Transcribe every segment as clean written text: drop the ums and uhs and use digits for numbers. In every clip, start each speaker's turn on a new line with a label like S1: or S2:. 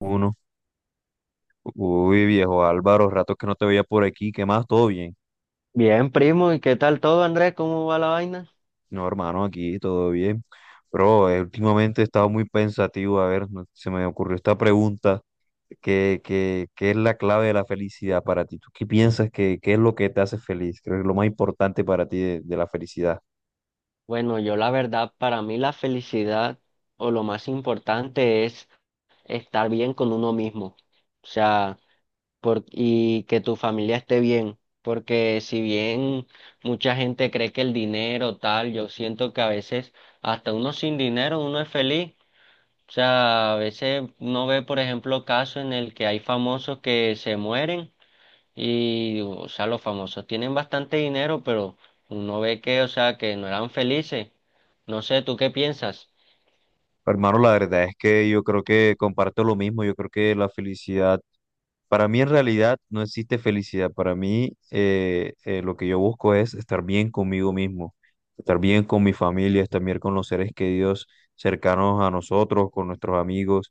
S1: Uno. Uy, viejo Álvaro, rato que no te veía por aquí, ¿qué más? ¿Todo bien?
S2: Bien, primo, ¿y qué tal todo, Andrés? ¿Cómo va la vaina?
S1: No, hermano, aquí todo bien. Pero últimamente he estado muy pensativo, a ver, se me ocurrió esta pregunta, ¿qué es la clave de la felicidad para ti? ¿Tú qué piensas que qué es lo que te hace feliz? Creo que es lo más importante para ti de la felicidad.
S2: Bueno, yo la verdad, para mí la felicidad o lo más importante es estar bien con uno mismo, o sea, y que tu familia esté bien, porque si bien mucha gente cree que el dinero tal, yo siento que a veces hasta uno sin dinero uno es feliz, o sea, a veces uno ve, por ejemplo, casos en el que hay famosos que se mueren. Y, o sea, los famosos tienen bastante dinero, pero uno ve que, o sea, que no eran felices. No sé, ¿tú qué piensas?
S1: Hermano, la verdad es que yo creo que comparto lo mismo, yo creo que la felicidad. Para mí en realidad no existe felicidad. Para mí lo que yo busco es estar bien conmigo mismo, estar bien con mi familia, estar bien con los seres queridos cercanos a nosotros, con nuestros amigos.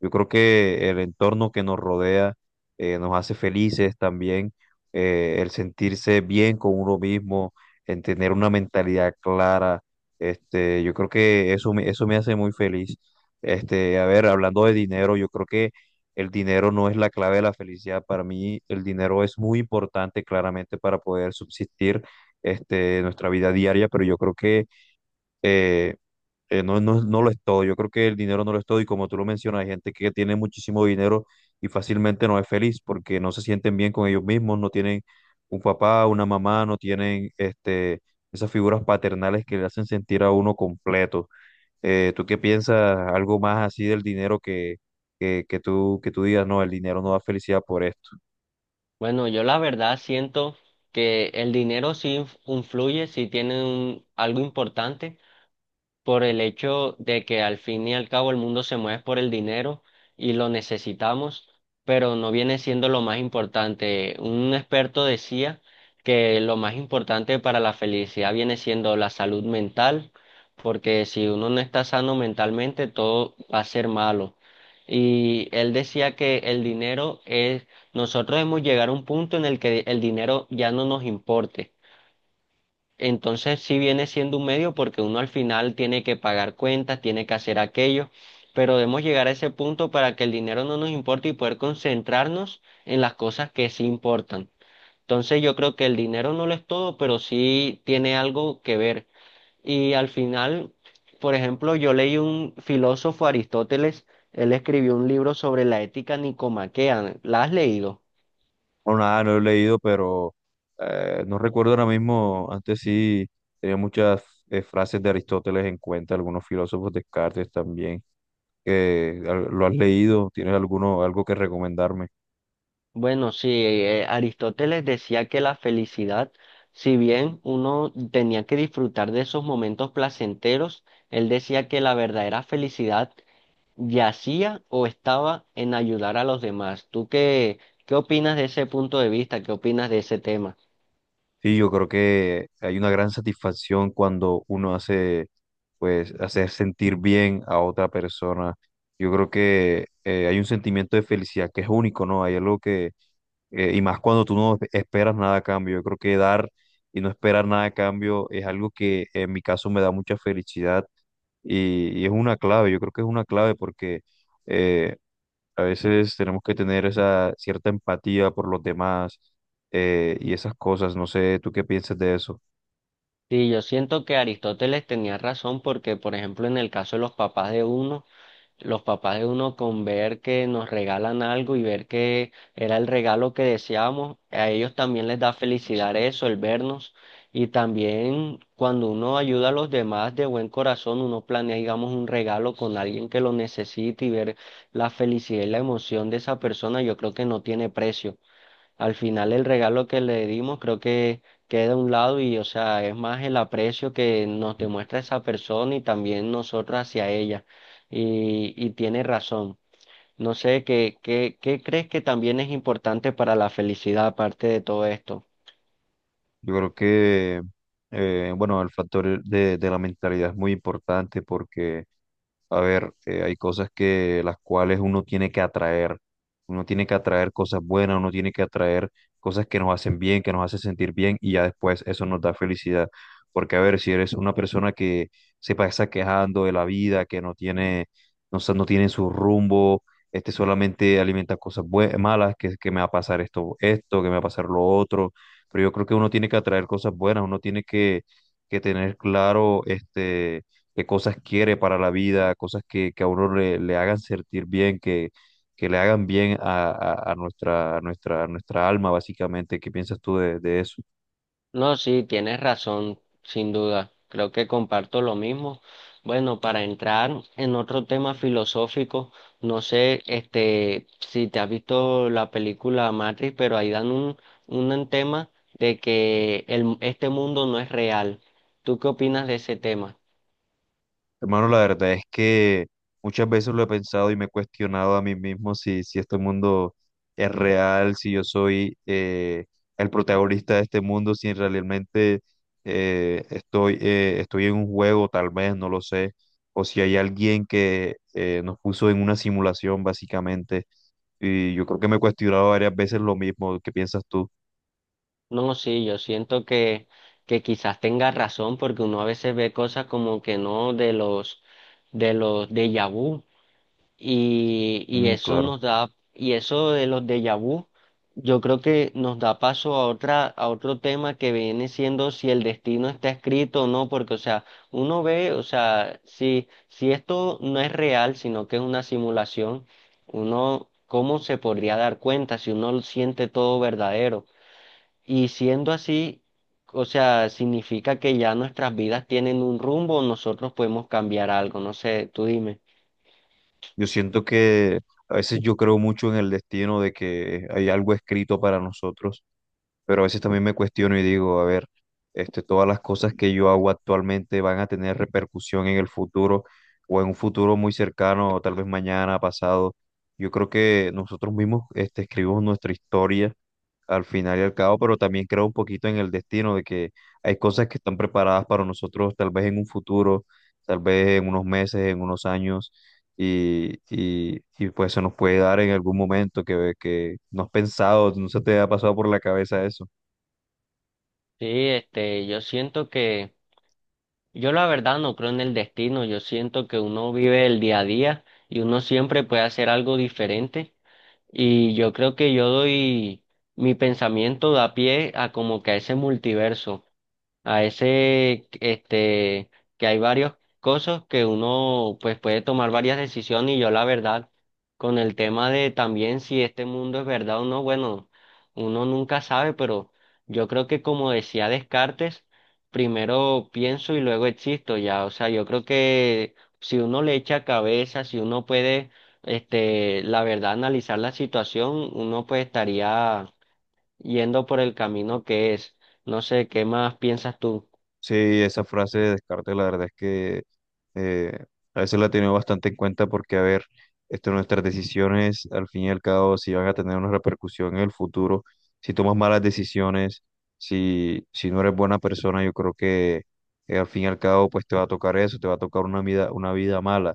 S1: Yo creo que el entorno que nos rodea nos hace felices también, el sentirse bien con uno mismo, en tener una mentalidad clara. Este, yo creo que eso me hace muy feliz. Este, a ver, hablando de dinero, yo creo que el dinero no es la clave de la felicidad. Para mí, el dinero es muy importante claramente para poder subsistir este, nuestra vida diaria, pero yo creo que eh, no, no lo es todo. Yo creo que el dinero no lo es todo y como tú lo mencionas, hay gente que tiene muchísimo dinero y fácilmente no es feliz porque no se sienten bien con ellos mismos, no tienen un papá, una mamá, no tienen este, esas figuras paternales que le hacen sentir a uno completo. ¿Tú qué piensas? Algo más así del dinero que tú digas, no, el dinero no da felicidad por esto.
S2: Bueno, yo la verdad siento que el dinero sí influye, sí tiene algo importante por el hecho de que al fin y al cabo el mundo se mueve por el dinero y lo necesitamos, pero no viene siendo lo más importante. Un experto decía que lo más importante para la felicidad viene siendo la salud mental, porque si uno no está sano mentalmente, todo va a ser malo. Y él decía que el dinero es, nosotros hemos llegado a un punto en el que el dinero ya no nos importe, entonces sí viene siendo un medio porque uno al final tiene que pagar cuentas, tiene que hacer aquello, pero debemos llegar a ese punto para que el dinero no nos importe y poder concentrarnos en las cosas que sí importan. Entonces yo creo que el dinero no lo es todo, pero sí tiene algo que ver. Y al final, por ejemplo, yo leí un filósofo, Aristóteles. Él escribió un libro sobre la ética nicomaquea. ¿La has leído?
S1: O nada, no lo he leído, pero no recuerdo ahora mismo, antes sí tenía muchas frases de Aristóteles en cuenta, algunos filósofos Descartes también, que lo has leído, tienes alguno, algo que recomendarme.
S2: Bueno, sí, Aristóteles decía que la felicidad, si bien uno tenía que disfrutar de esos momentos placenteros, él decía que la verdadera felicidad yacía o estaba en ayudar a los demás. ¿Tú qué opinas de ese punto de vista? ¿Qué opinas de ese tema?
S1: Sí, yo creo que hay una gran satisfacción cuando pues, hacer sentir bien a otra persona. Yo creo que hay un sentimiento de felicidad que es único, ¿no? Hay algo que y más cuando tú no esperas nada a cambio. Yo creo que dar y no esperar nada a cambio es algo que en mi caso me da mucha felicidad y es una clave, yo creo que es una clave porque eh, a veces tenemos que tener esa cierta empatía por los demás y esas cosas. No sé, ¿tú qué piensas de eso?
S2: Sí, yo siento que Aristóteles tenía razón porque, por ejemplo, en el caso de los papás de uno, los papás de uno, con ver que nos regalan algo y ver que era el regalo que deseábamos, a ellos también les da felicidad eso, el vernos. Y también cuando uno ayuda a los demás de buen corazón, uno planea, digamos, un regalo con alguien que lo necesite y ver la felicidad y la emoción de esa persona, yo creo que no tiene precio. Al final el regalo que le dimos creo que queda a un lado y, o sea, es más el aprecio que nos demuestra esa persona y también nosotros hacia ella. Y tiene razón. No sé, ¿qué crees que también es importante para la felicidad aparte de todo esto?
S1: Yo creo que, bueno, el factor de la mentalidad es muy importante porque, a ver, hay cosas que las cuales uno tiene que atraer. Uno tiene que atraer cosas buenas, uno tiene que atraer cosas que nos hacen bien, que nos hacen sentir bien y ya después eso nos da felicidad. Porque, a ver, si eres una persona que se pasa quejando de la vida, que no tiene, no tiene su rumbo, este solamente alimenta malas, que me va a pasar esto, esto, que me va a pasar lo otro, pero yo creo que uno tiene que atraer cosas buenas, que tener claro este, qué cosas quiere para la vida, cosas que a uno le hagan sentir bien, que le hagan bien a, a nuestra alma, básicamente. ¿Qué piensas tú de eso?
S2: No, sí, tienes razón, sin duda. Creo que comparto lo mismo. Bueno, para entrar en otro tema filosófico, no sé, este, si te has visto la película Matrix, pero ahí dan un tema de que este mundo no es real. ¿Tú qué opinas de ese tema?
S1: Hermano, la verdad es que muchas veces lo he pensado y me he cuestionado a mí mismo si, si este mundo es real, si yo soy el protagonista de este mundo, si realmente estoy en un juego, tal vez, no lo sé, o si hay alguien que nos puso en una simulación, básicamente. Y yo creo que me he cuestionado varias veces lo mismo. ¿Qué piensas tú?
S2: No, sí, yo siento que quizás tengas razón, porque uno a veces ve cosas como que no de los déjà vu. Y
S1: Mm,
S2: eso
S1: claro.
S2: nos da, y eso de los déjà vu, yo creo que nos da paso a a otro tema que viene siendo si el destino está escrito o no, porque, o sea, uno ve, o sea, si esto no es real, sino que es una simulación, uno, ¿cómo se podría dar cuenta si uno lo siente todo verdadero? Y siendo así, o sea, significa que ya nuestras vidas tienen un rumbo, nosotros podemos cambiar algo, no sé, tú dime.
S1: Yo siento que a veces yo creo mucho en el destino de que hay algo escrito para nosotros, pero a veces también me cuestiono y digo, a ver, este, todas las cosas que yo hago actualmente van a tener repercusión en el futuro o en un futuro muy cercano, o tal vez mañana, pasado. Yo creo que nosotros mismos, este, escribimos nuestra historia al final y al cabo, pero también creo un poquito en el destino de que hay cosas que están preparadas para nosotros tal vez en un futuro, tal vez en unos meses, en unos años y, pues se nos puede dar en algún momento que no has pensado, no se te ha pasado por la cabeza eso.
S2: Sí, este, yo siento que, yo la verdad no creo en el destino, yo siento que uno vive el día a día y uno siempre puede hacer algo diferente y yo creo que yo doy mi pensamiento, da pie a como que a ese multiverso, a ese, este, que hay varios cosas que uno pues puede tomar varias decisiones y yo la verdad, con el tema de también si este mundo es verdad o no, bueno, uno nunca sabe, pero yo creo que como decía Descartes, primero pienso y luego existo ya, o sea, yo creo que si uno le echa cabeza, si uno puede, este, la verdad, analizar la situación, uno pues estaría yendo por el camino que es. No sé, ¿qué más piensas tú?
S1: Sí, esa frase de descarte, la verdad es que eh, a veces la he tenido bastante en cuenta porque, a ver, este, nuestras decisiones, al fin y al cabo, si van a tener una repercusión en el futuro, si tomas malas decisiones, si no eres buena persona, yo creo que al fin y al cabo, pues te va a tocar eso, te va a tocar una vida mala.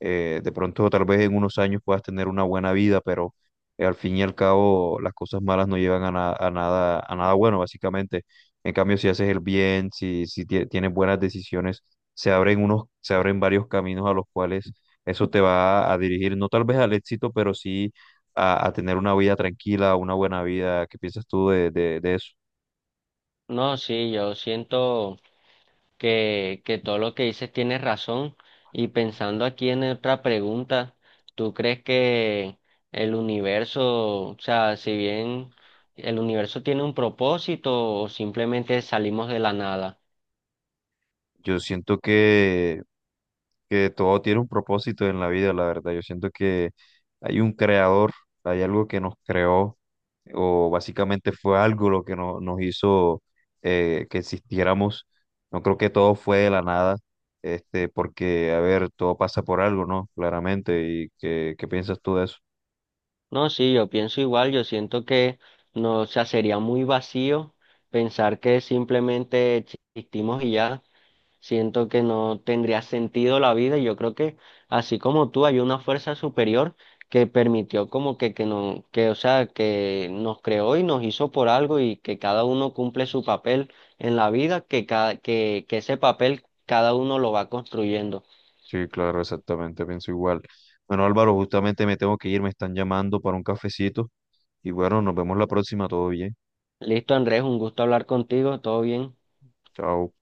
S1: De pronto, tal vez en unos años puedas tener una buena vida, pero al fin y al cabo, las cosas malas no llevan a, a nada bueno, básicamente. En cambio, si haces el bien, si, si tie- tienes buenas decisiones, se abren varios caminos a los cuales eso te va a dirigir, no tal vez al éxito, pero sí a tener una vida tranquila, una buena vida. ¿Qué piensas tú de eso?
S2: No, sí, yo siento que todo lo que dices tienes razón. Y pensando aquí en otra pregunta, ¿tú crees que el universo, o sea, si bien el universo tiene un propósito o simplemente salimos de la nada?
S1: Yo siento que todo tiene un propósito en la vida, la verdad. Yo siento que hay un creador, hay algo que nos creó, o básicamente fue algo lo que nos hizo que existiéramos. No creo que todo fue de la nada, este, porque, a ver, todo pasa por algo, ¿no? Claramente. ¿Y qué piensas tú de eso?
S2: No, sí, yo pienso igual, yo siento que no, o sea, sería muy vacío pensar que simplemente existimos y ya. Siento que no tendría sentido la vida y yo creo que así como tú, hay una fuerza superior que permitió como que no, que, o sea, que nos creó y nos hizo por algo y que cada uno cumple su papel en la vida, que ese papel cada uno lo va construyendo.
S1: Sí, claro, exactamente, pienso igual. Bueno, Álvaro, justamente me tengo que ir, me están llamando para un cafecito. Y bueno, nos vemos la próxima, todo bien.
S2: Listo, Andrés, un gusto hablar contigo, todo bien.
S1: Chao.